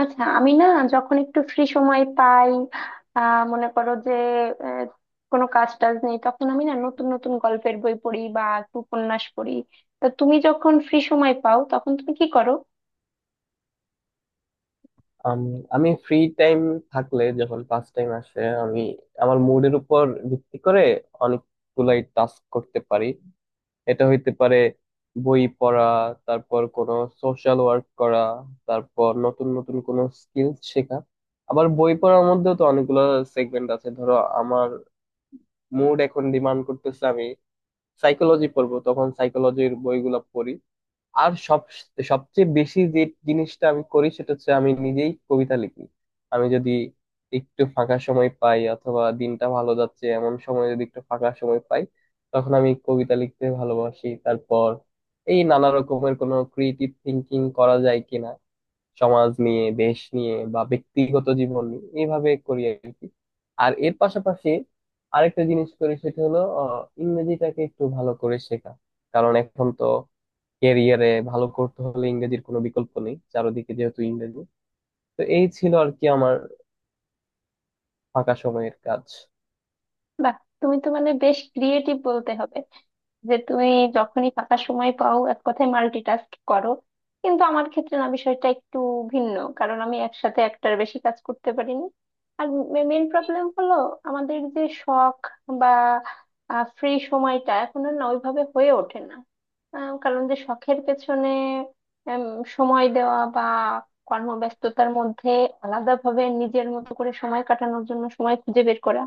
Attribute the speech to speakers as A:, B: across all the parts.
A: আচ্ছা আমি না যখন একটু ফ্রি সময় পাই মনে করো যে আহ, কোনো কাজ টাজ নেই তখন আমি না নতুন নতুন গল্পের বই পড়ি বা একটু উপন্যাস পড়ি। তা তুমি যখন ফ্রি সময় পাও তখন তুমি কি করো?
B: আম, আমি ফ্রি টাইম থাকলে যখন পাস টাইম আসে, আমি আমার মুডের উপর ভিত্তি করে অনেকগুলাই টাস্ক করতে পারি। এটা হইতে পারে বই পড়া, তারপর কোনো সোশ্যাল ওয়ার্ক করা, তারপর নতুন নতুন কোনো স্কিল শেখা। আবার বই পড়ার মধ্যেও তো অনেকগুলো সেগমেন্ট আছে। ধরো, আমার মুড এখন ডিমান্ড করতেছে আমি সাইকোলজি পড়বো, তখন সাইকোলজির বইগুলো পড়ি। আর সবচেয়ে বেশি যে জিনিসটা আমি করি সেটা হচ্ছে আমি নিজেই কবিতা লিখি। আমি যদি একটু ফাঁকা সময় পাই অথবা দিনটা ভালো যাচ্ছে এমন সময় যদি একটু ফাঁকা সময় পাই, তখন আমি কবিতা লিখতে ভালোবাসি। তারপর এই নানা রকমের কোনো ক্রিয়েটিভ থিঙ্কিং করা যায় কিনা, সমাজ নিয়ে দেশ নিয়ে বা ব্যক্তিগত জীবন নিয়ে, এইভাবে করি আর কি। আর এর পাশাপাশি আরেকটা জিনিস করি সেটা হলো ইংরেজিটাকে একটু ভালো করে শেখা। কারণ এখন তো ক্যারিয়ারে ভালো করতে হলে ইংরেজির কোনো বিকল্প নেই, চারদিকে যেহেতু ইংরেজি। তো এই ছিল আর কি আমার ফাঁকা সময়ের কাজ।
A: বাহ তুমি তো মানে বেশ ক্রিয়েটিভ বলতে হবে যে তুমি যখনই ফাঁকা সময় পাও এক কথায় মাল্টিটাস্ক করো। কিন্তু আমার ক্ষেত্রে না বিষয়টা একটু ভিন্ন কারণ আমি একসাথে একটার বেশি কাজ করতে পারিনি। আর মেইন প্রবলেম হলো আমাদের যে শখ বা ফ্রি সময়টা এখন আর না ওইভাবে হয়ে ওঠে না। কারণ যে শখের পেছনে উম, সময় দেওয়া বা কর্মব্যস্ততার মধ্যে আলাদাভাবে নিজের মতো করে সময় কাটানোর জন্য সময় খুঁজে বের করা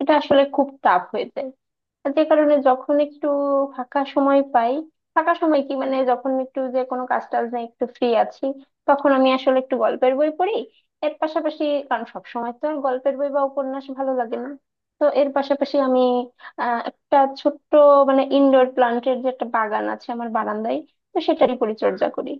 A: এটা আসলে খুব টাফ হয়ে যায়। যে কারণে যখন একটু ফাঁকা সময় পাই, ফাঁকা সময় কি মানে যখন একটু যে কোনো কাজ টাজ নেই একটু ফ্রি আছি, তখন আমি আসলে একটু গল্পের বই পড়ি। এর পাশাপাশি কারণ সব সময় তো আর গল্পের বই বা উপন্যাস ভালো লাগে না তো এর পাশাপাশি আমি একটা ছোট্ট মানে ইনডোর প্লান্টের যে একটা বাগান আছে আমার বারান্দায় তো সেটারই পরিচর্যা করি।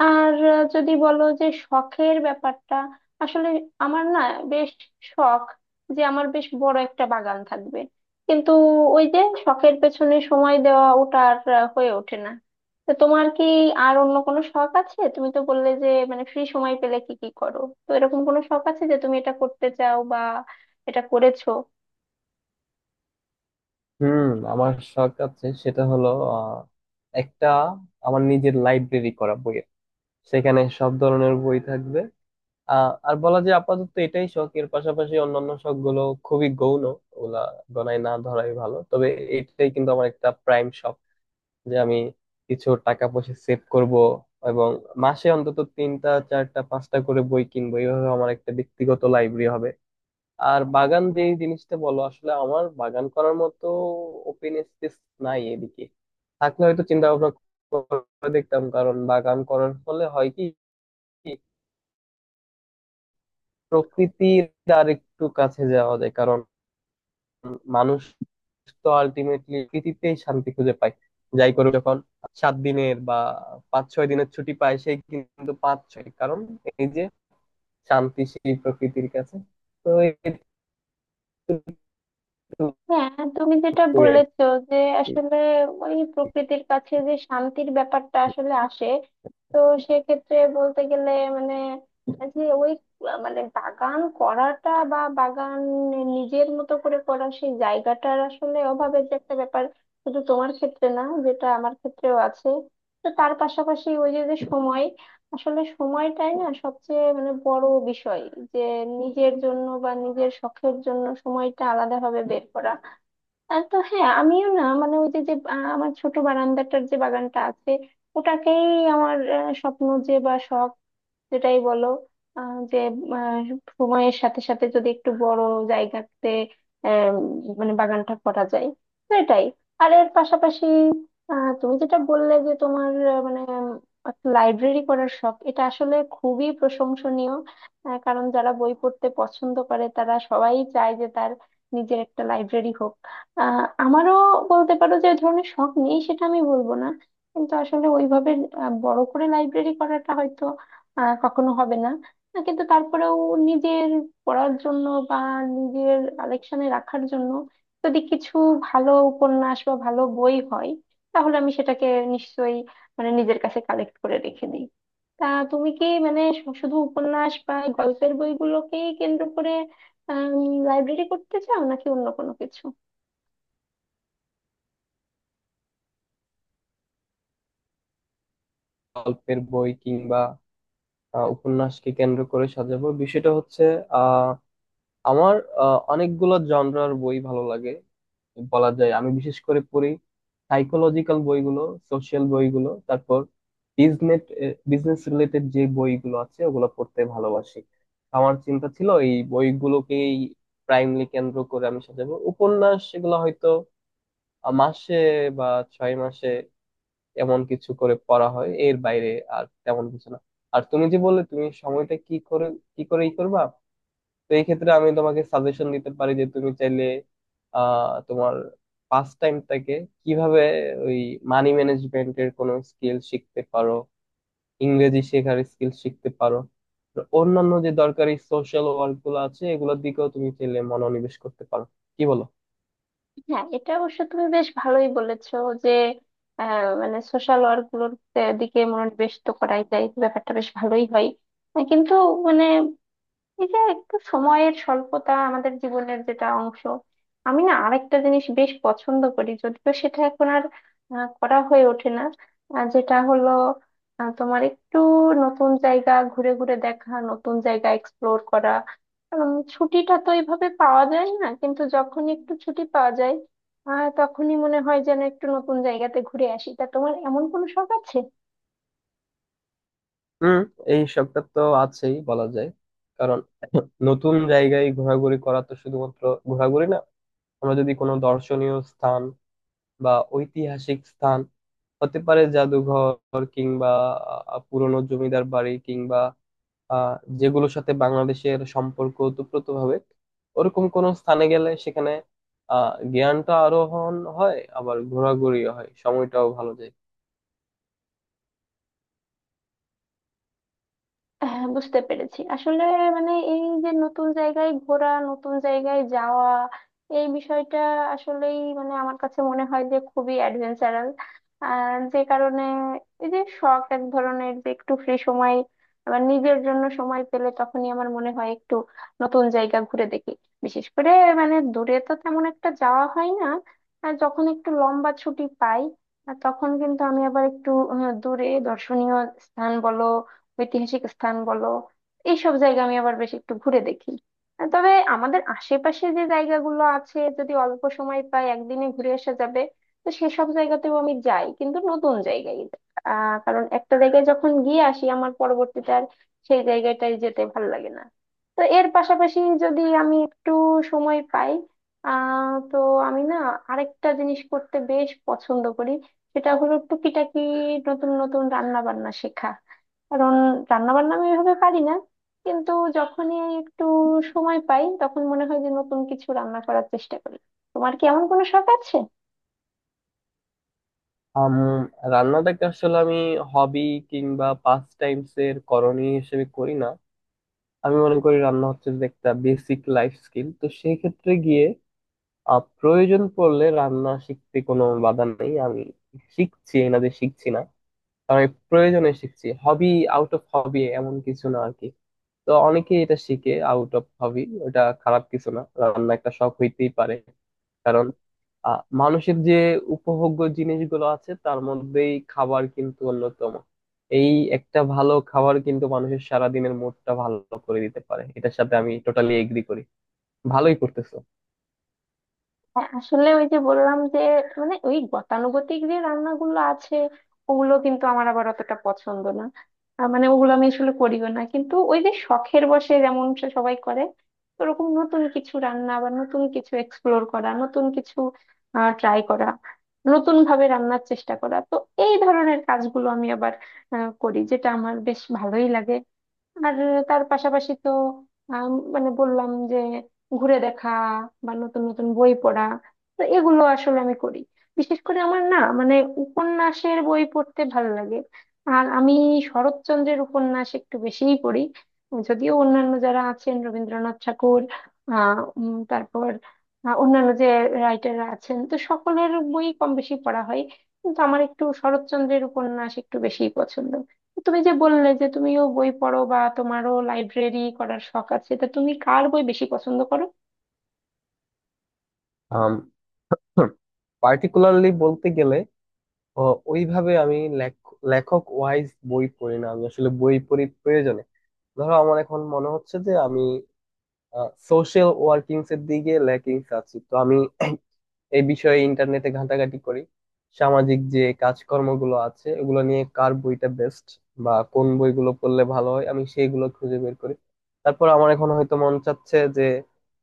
A: আর যদি বলো যে শখের ব্যাপারটা আসলে আমার না বেশ শখ যে আমার বেশ বড় একটা বাগান থাকবে। কিন্তু ওই যে শখের পেছনে সময় দেওয়া ওটা আর হয়ে ওঠে না। তো তোমার কি আর অন্য কোনো শখ আছে? তুমি তো বললে যে মানে ফ্রি সময় পেলে কি কি করো, তো এরকম কোনো শখ আছে যে তুমি এটা করতে চাও বা এটা করেছো?
B: হুম, আমার শখ আছে সেটা হলো আহ, একটা আমার নিজের লাইব্রেরি করা, বইয়ের, সেখানে সব ধরনের বই থাকবে। আর বলা যায় আপাতত এটাই শখ। এর পাশাপাশি অন্যান্য শখ গুলো খুবই গৌণ, ওগুলা গণায় না ধরাই ভালো। তবে এটাই কিন্তু আমার একটা প্রাইম শখ, যে আমি কিছু টাকা পয়সা সেভ করব এবং মাসে অন্তত তিনটা চারটা পাঁচটা করে বই কিনবো, এইভাবে আমার একটা ব্যক্তিগত লাইব্রেরি হবে। আর বাগান যে জিনিসটা বলো, আসলে আমার বাগান করার মতো ওপেন স্পেস নাই এদিকে। থাকলে হয়তো চিন্তা ভাবনা করে দেখতাম। কারণ বাগান করার ফলে হয় কি, প্রকৃতির আর একটু কাছে যাওয়া যায়। কারণ মানুষ তো আলটিমেটলি পৃথিবীতেই শান্তি খুঁজে পায়। যাই করুক, যখন 7 দিনের বা 5-6 দিনের ছুটি পায়, সেই কিন্তু পাঁচ ছয় কারণ এই যে শান্তি সেই প্রকৃতির কাছে। তো এটুকুই
A: হ্যাঁ, তুমি যেটা
B: আর
A: বলেছো যে
B: কি।
A: আসলে ওই প্রকৃতির কাছে যে শান্তির ব্যাপারটা আসলে আসে, তো সেক্ষেত্রে বলতে গেলে মানে যে ওই মানে বাগান করাটা বা বাগান নিজের মতো করে করা সেই জায়গাটার আসলে অভাবের যে একটা ব্যাপার শুধু তোমার ক্ষেত্রে না যেটা আমার ক্ষেত্রেও আছে। তো তার পাশাপাশি ওই যে যে সময় আসলে সময়টাই না সবচেয়ে মানে বড় বিষয় যে নিজের জন্য বা নিজের শখের জন্য সময়টা আলাদাভাবে বের করা। আর তো হ্যাঁ আমিও না মানে ওই যে যে আমার ছোট বারান্দাটার যে বাগানটা আছে ওটাকেই আমার স্বপ্ন যে বা শখ যেটাই বলো, যে আহ, সময়ের সাথে সাথে যদি একটু বড় জায়গাতে আহ, মানে বাগানটা করা যায়, তো এটাই। আর এর পাশাপাশি তুমি যেটা বললে যে তোমার মানে একটা লাইব্রেরি করার শখ এটা আসলে খুবই প্রশংসনীয়। কারণ যারা বই পড়তে পছন্দ করে তারা সবাই চায় যে তার নিজের একটা লাইব্রেরি হোক। আমারও বলতে পারো যে ওই ধরনের শখ নেই সেটা আমি বলবো না। কিন্তু আসলে ওইভাবে বড় করে লাইব্রেরি করাটা হয়তো কখনো হবে না। কিন্তু তারপরেও নিজের পড়ার জন্য বা নিজের কালেকশনে রাখার জন্য যদি কিছু ভালো উপন্যাস বা ভালো বই হয় তাহলে আমি সেটাকে নিশ্চয়ই মানে নিজের কাছে কালেক্ট করে রেখে দিই। তা তুমি কি মানে শুধু উপন্যাস বা এই গল্পের বইগুলোকেই কেন্দ্র করে লাইব্রেরি করতে চাও নাকি অন্য কোনো কিছু?
B: গল্পের বই কিংবা উপন্যাসকে কেন্দ্র করে সাজাবো। বিষয়টা হচ্ছে আহ আমার অনেকগুলো জনরার বই ভালো লাগে। বলা যায় আমি বিশেষ করে পড়ি সাইকোলজিক্যাল বইগুলো, সোশ্যাল বইগুলো, তারপর বিজনেস বিজনেস রিলেটেড যে বইগুলো আছে ওগুলো পড়তে ভালোবাসি। আমার চিন্তা ছিল এই বইগুলোকেই প্রাইমলি কেন্দ্র করে আমি সাজাবো। উপন্যাস এগুলো হয়তো মাসে বা 6 মাসে এমন কিছু করে পড়া হয়, এর বাইরে আর তেমন কিছু না। আর তুমি যে বললে তুমি সময়টা কি করে ই করবা, তো এই ক্ষেত্রে আমি তোমাকে সাজেশন দিতে পারি যে তুমি চাইলে তোমার পাস টাইমটাকে কিভাবে, ওই মানি ম্যানেজমেন্টের কোনো স্কিল শিখতে পারো, ইংরেজি শেখার স্কিল শিখতে পারো, তো অন্যান্য যে দরকারি সোশ্যাল ওয়ার্ক গুলো আছে এগুলোর দিকেও তুমি চাইলে মনোনিবেশ করতে পারো। কি বলো?
A: হ্যাঁ, এটা অবশ্য তুমি বেশ ভালোই বলেছো যে মানে সোশ্যাল ওয়ার্ক গুলোর দিকে মনোনিবেশ তো করাই যায় ব্যাপারটা বেশ ভালোই হয়। কিন্তু মানে এই যে একটু সময়ের স্বল্পতা আমাদের জীবনের যেটা অংশ আমি না আরেকটা জিনিস বেশ পছন্দ করি যদিও সেটা এখন আর করা হয়ে ওঠে না। যেটা হলো তোমার একটু নতুন জায়গা ঘুরে ঘুরে দেখা নতুন জায়গা এক্সপ্লোর করা। কারণ ছুটিটা তো এইভাবে পাওয়া যায় না কিন্তু যখন একটু ছুটি পাওয়া যায় তখনই মনে হয় যেন একটু নতুন জায়গাতে ঘুরে আসি। তা তোমার এমন কোনো শখ আছে?
B: হুম, এই সবটা তো আছেই বলা যায়। কারণ নতুন জায়গায় ঘোরাঘুরি করা তো শুধুমাত্র ঘোরাঘুরি না। আমরা যদি কোনো দর্শনীয় স্থান বা ঐতিহাসিক স্থান, হতে পারে জাদুঘর কিংবা পুরনো জমিদার বাড়ি কিংবা আহ, যেগুলোর সাথে বাংলাদেশের সম্পর্ক ওতপ্রোতভাবে, ওরকম কোনো স্থানে গেলে সেখানে জ্ঞানটা আরোহণ হয়, আবার ঘোরাঘুরিও হয়, সময়টাও ভালো যায়।
A: হ্যাঁ, বুঝতে পেরেছি আসলে মানে এই যে নতুন জায়গায় ঘোরা নতুন জায়গায় যাওয়া এই বিষয়টা আসলেই মানে আমার কাছে মনে হয় যে খুবই অ্যাডভেঞ্চারাল। আর যে কারণে এই যে শখ এক ধরনের যে একটু ফ্রি সময় আবার নিজের জন্য সময় পেলে তখনই আমার মনে হয় একটু নতুন জায়গা ঘুরে দেখি। বিশেষ করে মানে দূরে তো তেমন একটা যাওয়া হয় না আর যখন একটু লম্বা ছুটি পাই আর তখন কিন্তু আমি আবার একটু দূরে দর্শনীয় স্থান বলো ঐতিহাসিক স্থান বলো এইসব জায়গা আমি আবার বেশ একটু ঘুরে দেখি। আর তবে আমাদের আশেপাশে যে জায়গাগুলো আছে যদি অল্প সময় পাই একদিনে ঘুরে আসা যাবে তো সেসব জায়গাতেও আমি যাই কিন্তু নতুন জায়গায় যাই। কারণ একটা জায়গায় যখন গিয়ে আসি আমার পরবর্তীতে আর সেই জায়গাটায় যেতে ভালো লাগে না। তো এর পাশাপাশি যদি আমি একটু সময় পাই তো আমি না আরেকটা জিনিস করতে বেশ পছন্দ করি, সেটা হলো টুকিটাকি নতুন নতুন রান্না বান্না শেখা। কারণ রান্না বান্না আমি এভাবে পারি না কিন্তু যখনই একটু সময় পাই তখন মনে হয় যে নতুন কিছু রান্না করার চেষ্টা করি। তোমার কি এমন কোনো শখ আছে?
B: আম রান্নাটাকে আসলে আমি হবি কিংবা পাস টাইমস এর করণীয় হিসেবে করি না। আমি মনে করি রান্না হচ্ছে যে একটা বেসিক লাইফ স্কিল, তো সেই ক্ষেত্রে গিয়ে প্রয়োজন পড়লে রান্না শিখতে কোনো বাধা নেই। আমি শিখছি, এই না যে শিখছি না। কারণ আমি প্রয়োজনে শিখছি, হবি আউট অফ হবি এমন কিছু না আর কি। তো অনেকেই এটা শিখে আউট অফ হবি, ওটা খারাপ কিছু না, রান্না একটা শখ হইতেই পারে। কারণ মানুষের যে উপভোগ্য জিনিসগুলো আছে তার মধ্যেই খাবার কিন্তু অন্যতম। এই একটা ভালো খাবার কিন্তু মানুষের সারাদিনের মুডটা ভালো করে দিতে পারে, এটার সাথে আমি টোটালি এগ্রি করি। ভালোই করতেছো।
A: হ্যাঁ, আসলে ওই যে বললাম যে মানে ওই গতানুগতিক যে রান্নাগুলো আছে ওগুলো কিন্তু আমার আবার অতটা পছন্দ না। মানে ওগুলো আমি আসলে করিও না কিন্তু ওই যে শখের বশে যেমন সে সবাই করে ওরকম নতুন কিছু রান্না বা নতুন কিছু এক্সপ্লোর করা নতুন কিছু ট্রাই করা নতুন ভাবে রান্নার চেষ্টা করা তো এই ধরনের কাজগুলো আমি আবার করি যেটা আমার বেশ ভালোই লাগে। আর তার পাশাপাশি তো মানে বললাম যে ঘুরে দেখা বা নতুন নতুন বই পড়া, তো এগুলো আসলে আমি করি। বিশেষ করে আমার না মানে উপন্যাসের বই পড়তে ভালো লাগে। আর আমি শরৎচন্দ্রের উপন্যাস একটু বেশিই পড়ি যদিও অন্যান্য যারা আছেন রবীন্দ্রনাথ ঠাকুর তারপর অন্যান্য যে রাইটাররা আছেন তো সকলের বই কম বেশি পড়া হয় কিন্তু আমার একটু শরৎচন্দ্রের উপন্যাস একটু বেশিই পছন্দ। তুমি যে বললে যে তুমিও বই পড়ো বা তোমারও লাইব্রেরি করার শখ আছে, তা তুমি কার বই বেশি পছন্দ করো?
B: আম, পার্টিকুলারলি বলতে গেলে, ও, ওইভাবে আমি লেখক ওয়াইজ বই পড়ি না। আমি আসলে বই পড়ি প্রয়োজনে। ধরো আমার এখন মনে হচ্ছে যে আমি সোশ্যাল ওয়ার্কিংস এর দিকে ল্যাকিংস আছি, তো আমি এই বিষয়ে ইন্টারনেটে ঘাটাঘাটি করি। সামাজিক যে কাজকর্মগুলো আছে ওগুলো নিয়ে কার বইটা বেস্ট বা কোন বইগুলো পড়লে ভালো হয়, আমি সেইগুলো খুঁজে বের করি। তারপর আমার এখন হয়তো মন চাচ্ছে যে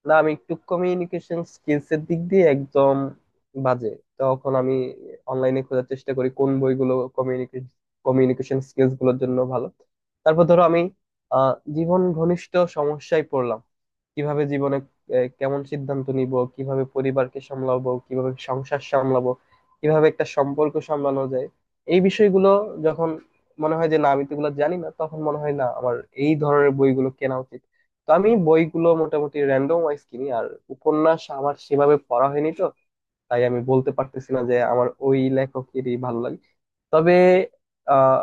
B: না, আমি একটু কমিউনিকেশন স্কিলস এর দিক দিয়ে একদম বাজে, তখন আমি অনলাইনে খোঁজার চেষ্টা করি কোন বইগুলো কমিউনিকেশন কমিউনিকেশন স্কিলস গুলোর জন্য ভালো। তারপর ধরো আমি আহ জীবন ঘনিষ্ঠ সমস্যায় পড়লাম। কিভাবে জীবনে কেমন সিদ্ধান্ত নিব, কিভাবে পরিবারকে সামলাবো, কিভাবে সংসার সামলাবো, কিভাবে একটা সম্পর্ক সামলানো যায়, এই বিষয়গুলো যখন মনে হয় যে না আমি তো এগুলো জানি না, তখন মনে হয় না আমার এই ধরনের বইগুলো কেনা উচিত। তো আমি বইগুলো মোটামুটি র্যান্ডম ওয়াইজ কিনি। আর উপন্যাস আমার সেভাবে পড়া হয়নি, তো তাই আমি বলতে পারতেছি না যে আমার ওই লেখকেরই ভালো লাগে। তবে আহ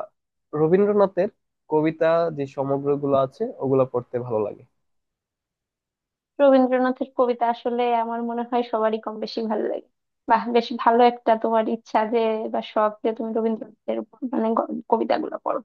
B: রবীন্দ্রনাথের কবিতা যে সমগ্রগুলো আছে ওগুলা পড়তে ভালো লাগে।
A: রবীন্দ্রনাথের কবিতা আসলে আমার মনে হয় সবারই কম বেশি ভালো লাগে। বাহ বেশ ভালো একটা তোমার ইচ্ছা যে বা শখ যে তুমি রবীন্দ্রনাথের মানে কবিতাগুলো পড়ো।